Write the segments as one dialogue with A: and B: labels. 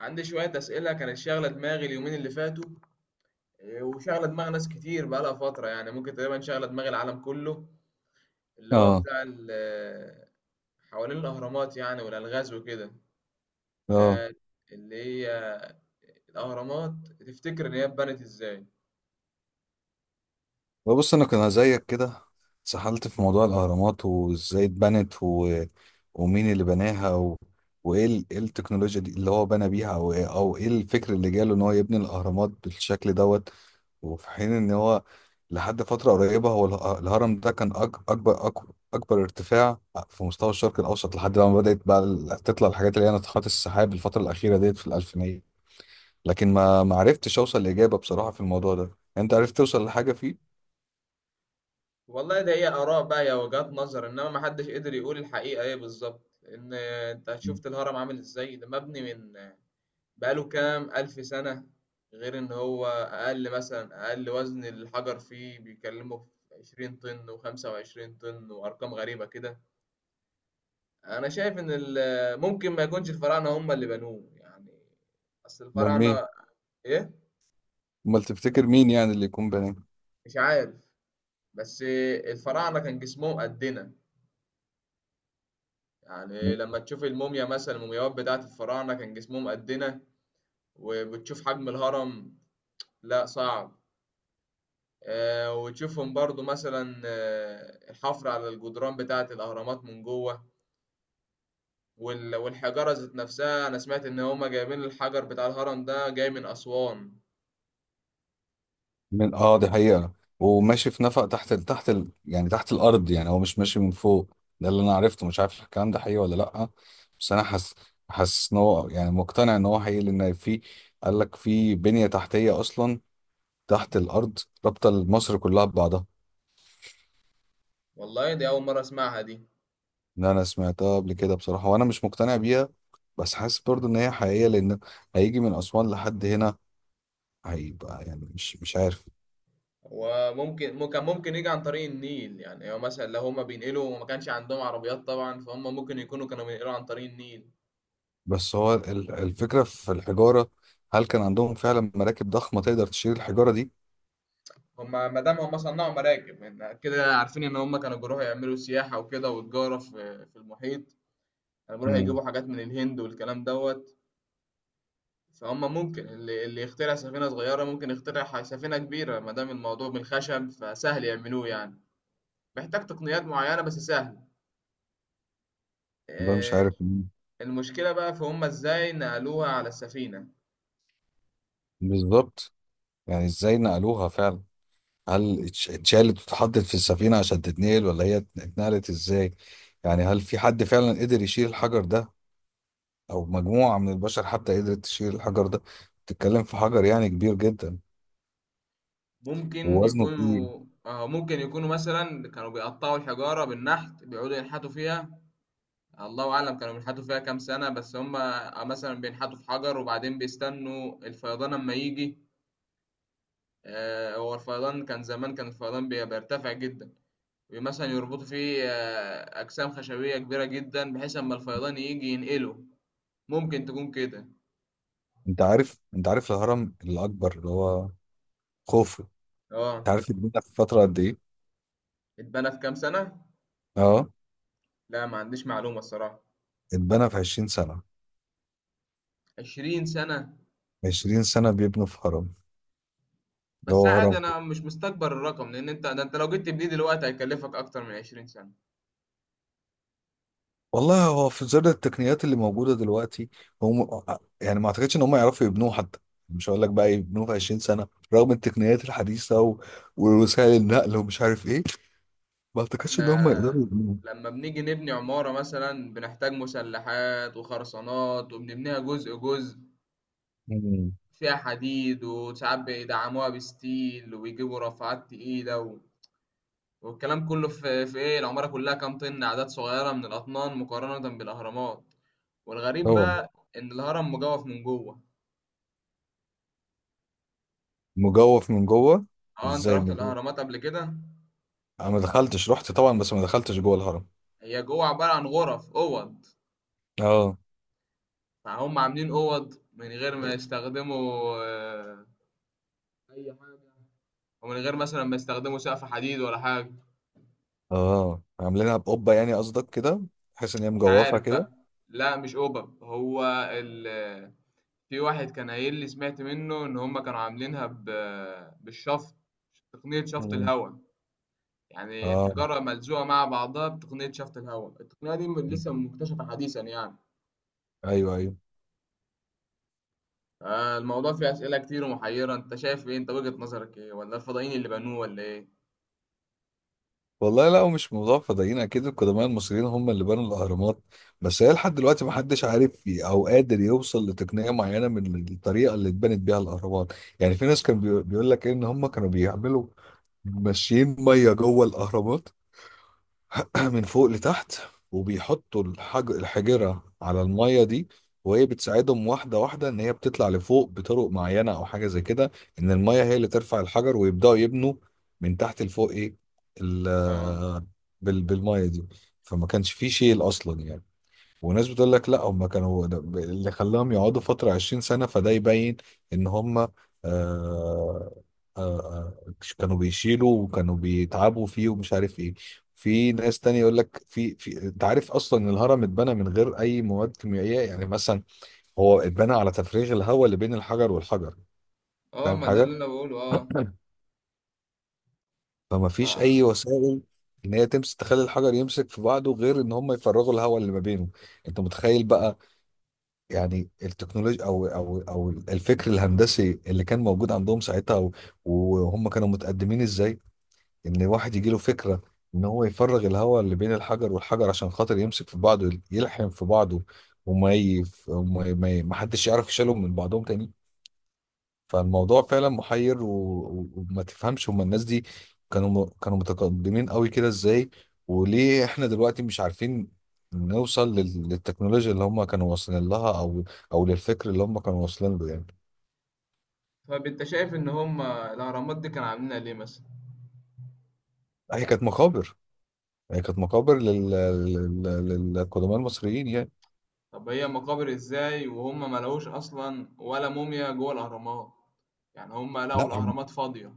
A: عندي شوية أسئلة كانت شاغلة دماغي اليومين اللي فاتوا. إيه، وشاغلة دماغ ناس كتير بقالها فترة، يعني ممكن تقريبا شاغلة دماغ العالم كله، اللي هو
B: اه.
A: بتاع حوالين الأهرامات يعني والألغاز وكده،
B: اه.
A: آه، اللي هي الأهرامات. تفتكر إن هي اتبنت إزاي؟
B: بص انا كان زيك كده، سحلت في موضوع الاهرامات وازاي اتبنت ومين اللي بناها إيه التكنولوجيا دي اللي هو بنى بيها، او ايه الفكر اللي جاله ان هو يبني الاهرامات بالشكل دوت. وفي حين ان هو لحد فترة قريبة الهرم ده كان اكبر ارتفاع في مستوى الشرق الاوسط لحد لما بدأت بقى تطلع الحاجات اللي هي ناطحات السحاب الفترة الاخيرة ديت في الالفينية. لكن ما عرفتش اوصل لاجابة بصراحة في الموضوع ده. انت عرفت توصل لحاجة فيه؟
A: والله ده هي آراء بقى يا وجهات نظر، إنما محدش قدر يقول الحقيقة إيه بالظبط. إن أنت شفت الهرم عامل إزاي، ده مبني من بقاله كام ألف سنة. غير إن هو أقل وزن الحجر فيه بيكلمه في 20 طن و25 طن وأرقام غريبة كده. أنا شايف إن ممكن ما يكونش الفراعنة هم اللي بنوه يعني. أصل
B: امال
A: الفراعنة
B: مين؟
A: إيه؟
B: امال تفتكر مين يعني اللي يكون بني؟
A: مش عارف. بس الفراعنة كان جسمهم قدنا. يعني لما تشوف الموميا مثلا، المومياوات بتاعت الفراعنة كان جسمهم قدنا، وبتشوف حجم الهرم. لا، صعب. وتشوفهم برضو مثلا الحفر على الجدران بتاعة الأهرامات من جوه، والحجارة ذات نفسها. أنا سمعت إن هما جايبين الحجر بتاع الهرم ده جاي من أسوان.
B: من، اه، دي حقيقة. وماشي في نفق تحت يعني تحت الارض، يعني هو مش ماشي من فوق. ده اللي انا عرفته، مش عارف الكلام ده حقيقي ولا لا. بس انا حاسس، حاسس ان هو يعني مقتنع ان هو حقيقي. لان قال لك في بنية تحتية اصلا تحت الارض، رابطة مصر كلها ببعضها.
A: والله دي أول مرة أسمعها دي.
B: ان انا سمعتها قبل كده بصراحة وانا مش مقتنع بيها، بس حاسس برضو ان هي حقيقية. لان هيجي من اسوان لحد هنا، هيبقى يعني مش عارف.
A: وممكن ممكن ممكن يجي عن طريق النيل، يعني هو مثلا لو هما بينقلوا وما كانش عندهم عربيات طبعا، فهم ممكن يكونوا كانوا بينقلوا عن طريق النيل.
B: بس هو الفكرة في الحجارة، هل كان عندهم فعلا مراكب ضخمة تقدر تشيل الحجارة دي؟
A: هما ما دام هما صنعوا مراكب، يعني كده عارفين إن هما كانوا بيروحوا يعملوا سياحة وكده وتجارة في المحيط. كانوا بيروحوا
B: مم.
A: يجيبوا حاجات من الهند والكلام دوت. فهم ممكن اللي يخترع سفينة صغيرة ممكن يخترع سفينة كبيرة، ما دام الموضوع من الخشب فسهل يعملوه يعني. محتاج تقنيات معينة بس سهل.
B: ده مش
A: آه،
B: عارف.
A: المشكلة بقى في هم ازاي نقلوها على السفينة.
B: بالظبط. يعني ازاي نقلوها فعلا؟ هل اتشالت واتحطت في السفينة عشان تتنقل ولا هي اتنقلت ازاي؟ يعني هل في حد فعلا قدر يشيل الحجر ده او مجموعة من البشر حتى قدرت تشيل الحجر ده؟ تتكلم في حجر يعني كبير جدا ووزنه تقيل.
A: ممكن يكونوا مثلا كانوا بيقطعوا الحجارة بالنحت، بيقعدوا ينحتوا فيها. الله أعلم كانوا بينحتوا فيها كام سنة، بس هم مثلا بينحتوا في حجر وبعدين بيستنوا الفيضان أما يجي. هو الفيضان كان زمان، كان الفيضان بيرتفع جدا. مثلا يربطوا فيه أجسام خشبية كبيرة جدا، بحيث أما الفيضان يجي ينقله. ممكن تكون كده.
B: انت عارف، انت عارف الهرم الاكبر اللي هو خوفو، انت
A: اه،
B: عارف اتبنى في فترة قد ايه؟
A: اتبنى في كام سنة؟
B: اه.
A: لا، ما عنديش معلومة الصراحة.
B: اتبنى في 20 سنة.
A: 20 سنة.
B: 20 سنة بيبنوا في هرم، اللي
A: بس
B: هو
A: عادي
B: هرم خوف.
A: أنا مش مستكبر الرقم، لأن أنت ده أنت لو جيت تبنيه دلوقتي هيكلفك أكتر من 20 سنة.
B: والله هو في ظل التقنيات اللي موجودة دلوقتي، هم يعني ما اعتقدش ان هم يعرفوا يبنوه حتى، مش هقول لك بقى يبنوه في 20 سنة رغم التقنيات الحديثة ووسائل النقل ومش عارف ايه. ما اعتقدش
A: احنا
B: ان هم يقدروا يبنوه.
A: لما بنيجي نبني عمارة مثلا بنحتاج مسلحات وخرسانات، وبنبنيها جزء جزء،
B: مم.
A: فيها حديد وساعات بيدعموها بستيل وبيجيبوا رافعات تقيلة، والكلام كله في ايه، العمارة كلها كام طن، أعداد صغيرة من الأطنان مقارنة بالأهرامات. والغريب
B: طبعا،
A: بقى إن الهرم مجوف من جوه.
B: مجوف من جوه.
A: اه، انت
B: ازاي
A: رحت
B: مجوف؟
A: الأهرامات قبل كده؟
B: انا ما دخلتش، رحت طبعا بس ما دخلتش جوه الهرم.
A: هي جوه عبارة عن غرف، أوض.
B: اه.
A: فهم عاملين أوض من غير ما يستخدموا، ومن غير مثلا ما يستخدموا سقف حديد ولا حاجة.
B: اه، عاملينها بقبة يعني قصدك كده، بحيث ان هي
A: مش
B: مجوفة
A: عارف
B: كده.
A: بقى. لا، مش أوبب هو ال... في واحد كان قايل لي، سمعت منه إن هما كانوا عاملينها بالشفط، تقنية شفط
B: مم.
A: الهواء. يعني
B: اه،
A: الحجارة ملزوقة مع بعضها بتقنية شفط الهواء. التقنية دي لسه مكتشفة حديثا يعني.
B: ايوه ايوه.
A: الموضوع فيه أسئلة كتير ومحيرة. أنت شايف إيه، أنت وجهة نظرك إيه، ولا الفضائيين اللي بنوه ولا إيه؟
B: والله لا، ومش موضوع فضائيين، اكيد القدماء المصريين هم اللي بنوا الاهرامات. بس هي لحد دلوقتي ما حدش عارف او قادر يوصل لتقنيه معينه من الطريقه اللي اتبنت بيها الاهرامات. يعني في ناس كان بيقول لك ان هم كانوا بيعملوا ماشيين ميه جوه الاهرامات، من فوق لتحت، وبيحطوا الحجرة على المية دي، وهي بتساعدهم واحدة واحدة إن هي بتطلع لفوق بطرق معينة أو حاجة زي كده. إن المية هي اللي ترفع الحجر ويبدأوا يبنوا من تحت لفوق إيه ال...
A: اه.
B: بالمية دي، فما كانش فيه شيل أصلا يعني. وناس بتقول لك لا، هم كانوا اللي خلاهم يقعدوا فترة 20 سنة، فده يبين ان هم آه كانوا بيشيلوا وكانوا بيتعبوا فيه ومش عارف ايه. في ناس تانية يقول لك في انت عارف اصلا ان الهرم اتبنى من غير اي مواد كيميائية، يعني مثلا هو اتبنى على تفريغ الهواء اللي بين الحجر والحجر. فاهم
A: ما ده
B: حاجة؟
A: اللي أنا بقوله
B: فما فيش اي
A: آه.
B: وسائل ان هي تمسك تخلي الحجر يمسك في بعضه غير ان هم يفرغوا الهواء اللي ما بينه. انت متخيل بقى يعني التكنولوجيا او الفكر الهندسي اللي كان موجود عندهم ساعتها وهم كانوا متقدمين ازاي. ان واحد يجي له فكره ان هو يفرغ الهواء اللي بين الحجر والحجر عشان خاطر يمسك في بعضه يلحم في بعضه، وما ي... وما ي... ما ي... ما حدش يعرف يشيلهم من بعضهم تاني. فالموضوع فعلا محير وما تفهمش هما الناس دي كانوا متقدمين قوي كده ازاي، وليه احنا دلوقتي مش عارفين نوصل للتكنولوجيا اللي هما كانوا واصلين لها او او للفكر اللي هما كانوا واصلين له يعني.
A: طب أنت شايف إن هم الأهرامات دي كانوا عاملينها ليه مثلا؟
B: هي كانت مقابر، هي كانت مقابر للقدماء المصريين يعني.
A: طب هي مقابر إزاي وهم ما لقوش أصلا ولا موميا جوه الأهرامات؟ يعني هم لقوا
B: لا،
A: الأهرامات فاضية.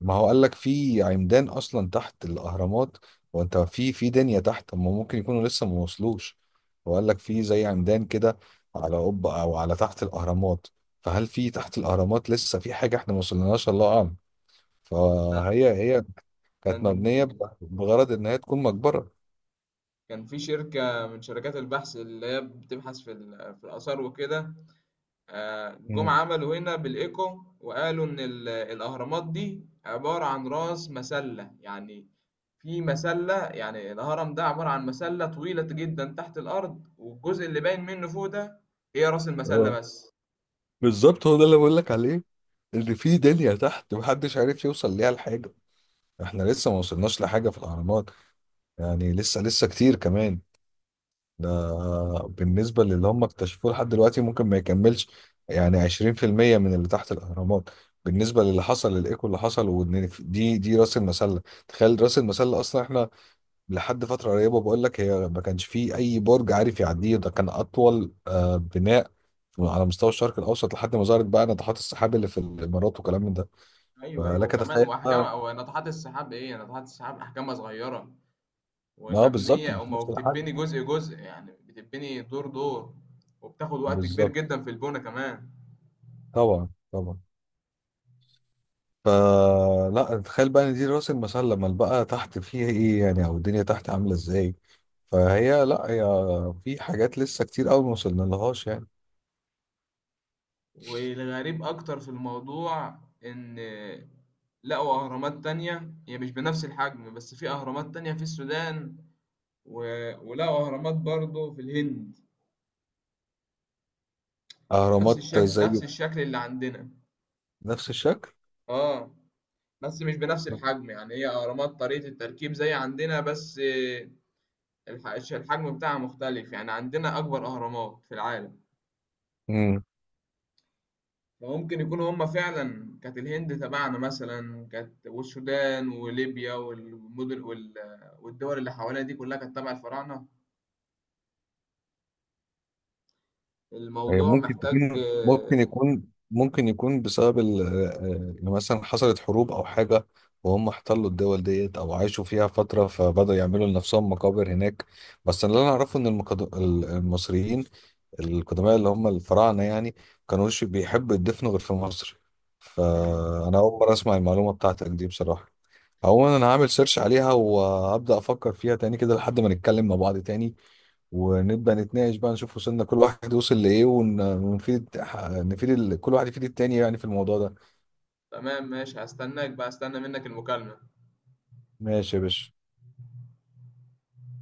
B: ما هو قال لك في عمدان اصلا تحت الاهرامات، وانت في دنيا تحت، هم ممكن يكونوا لسه ما وصلوش. وقال لك في زي عمدان كده على قبة او على تحت الاهرامات، فهل في تحت الاهرامات لسه في حاجه احنا ما وصلناش، الله اعلم.
A: لا،
B: فهي هي كانت
A: كان
B: مبنيه بغرض ان هي تكون مقبره.
A: كان في شركة من شركات البحث اللي هي بتبحث في في الآثار وكده، جم
B: مم.
A: عملوا هنا بالإيكو وقالوا إن الأهرامات دي عبارة عن رأس مسلة يعني. في مسلة، يعني الهرم ده عبارة عن مسلة طويلة جدا تحت الأرض، والجزء اللي باين منه فوق ده هي رأس المسلة
B: اه،
A: بس.
B: بالظبط هو ده اللي بقول لك عليه، ان في دنيا تحت محدش عارف يوصل ليها لحاجه. احنا لسه ما وصلناش لحاجه في الاهرامات، يعني لسه لسه كتير كمان. ده بالنسبة للي هم اكتشفوه لحد دلوقتي، ممكن ما يكملش يعني 20% من اللي تحت الأهرامات، بالنسبة للي حصل الإيكو اللي حصل وإن دي رأس المسلة. تخيل رأس المسلة أصلا، إحنا لحد فترة قريبة بقول لك هي ما كانش فيه أي برج عارف يعديه، ده كان أطول بناء على مستوى الشرق الأوسط لحد ما ظهرت بقى ناطحات السحاب اللي في الإمارات وكلام من ده.
A: أيوه، أيوه،
B: فلك
A: وكمان
B: تخيل
A: وأحجام،
B: بقى.
A: أو ناطحات السحاب، إيه ناطحات السحاب أحجامها صغيرة.
B: اه، بالظبط
A: ومبنية أو
B: مش
A: ما
B: نفس الحاجة.
A: بتتبني جزء جزء، يعني بتتبني دور دور، وبتاخد وقت كبير
B: بالظبط.
A: جدا في البونة كمان.
B: طبعا طبعا. فلا تخيل بقى ان دي راس المسله، لما بقى تحت فيها ايه يعني او الدنيا تحت عامله ازاي. فهي لا، هي في حاجات لسه كتير قوي ما وصلنا لهاش يعني.
A: والغريب أكتر في الموضوع، إن لقوا أهرامات تانية هي مش بنفس الحجم، بس في أهرامات تانية في السودان و... ولقوا أهرامات برضو في الهند. نفس
B: اهرامات
A: الشكل،
B: زي.
A: نفس الشكل اللي عندنا.
B: نفس الشكل.
A: اه، بس مش بنفس الحجم، يعني هي أهرامات طريقة التركيب زي عندنا، بس الحجم بتاعها مختلف، يعني عندنا أكبر أهرامات في العالم.
B: مم.
A: فممكن يكونوا هم فعلا كانت الهند تبعنا مثلا، كانت والسودان وليبيا والمدن والدول اللي حوالينا دي كلها كانت تبع الفراعنة.
B: هي
A: الموضوع
B: ممكن
A: محتاج
B: تكون، ممكن
A: آه،
B: يكون ممكن يكون بسبب إن مثلا حصلت حروب او حاجه، وهم احتلوا الدول ديت او عاشوا فيها فتره، فبدأوا يعملوا لنفسهم مقابر هناك. بس اللي انا اعرفه ان المصريين القدماء اللي هم الفراعنه يعني كانوش بيحبوا يدفنوا غير في مصر.
A: آه،
B: فانا اول مره اسمع المعلومه بتاعتك دي بصراحه. عموما انا هعمل سيرش عليها وهبدأ افكر فيها تاني كده لحد ما نتكلم مع بعض تاني، ونبدأ نتناقش بقى نشوف وصلنا كل واحد وصل لإيه، ونفيد، نفيد كل واحد يفيد التاني يعني في الموضوع ده.
A: تمام، ماشي، هستناك بقى، استنى منك المكالمة.
B: ماشي يا باشا.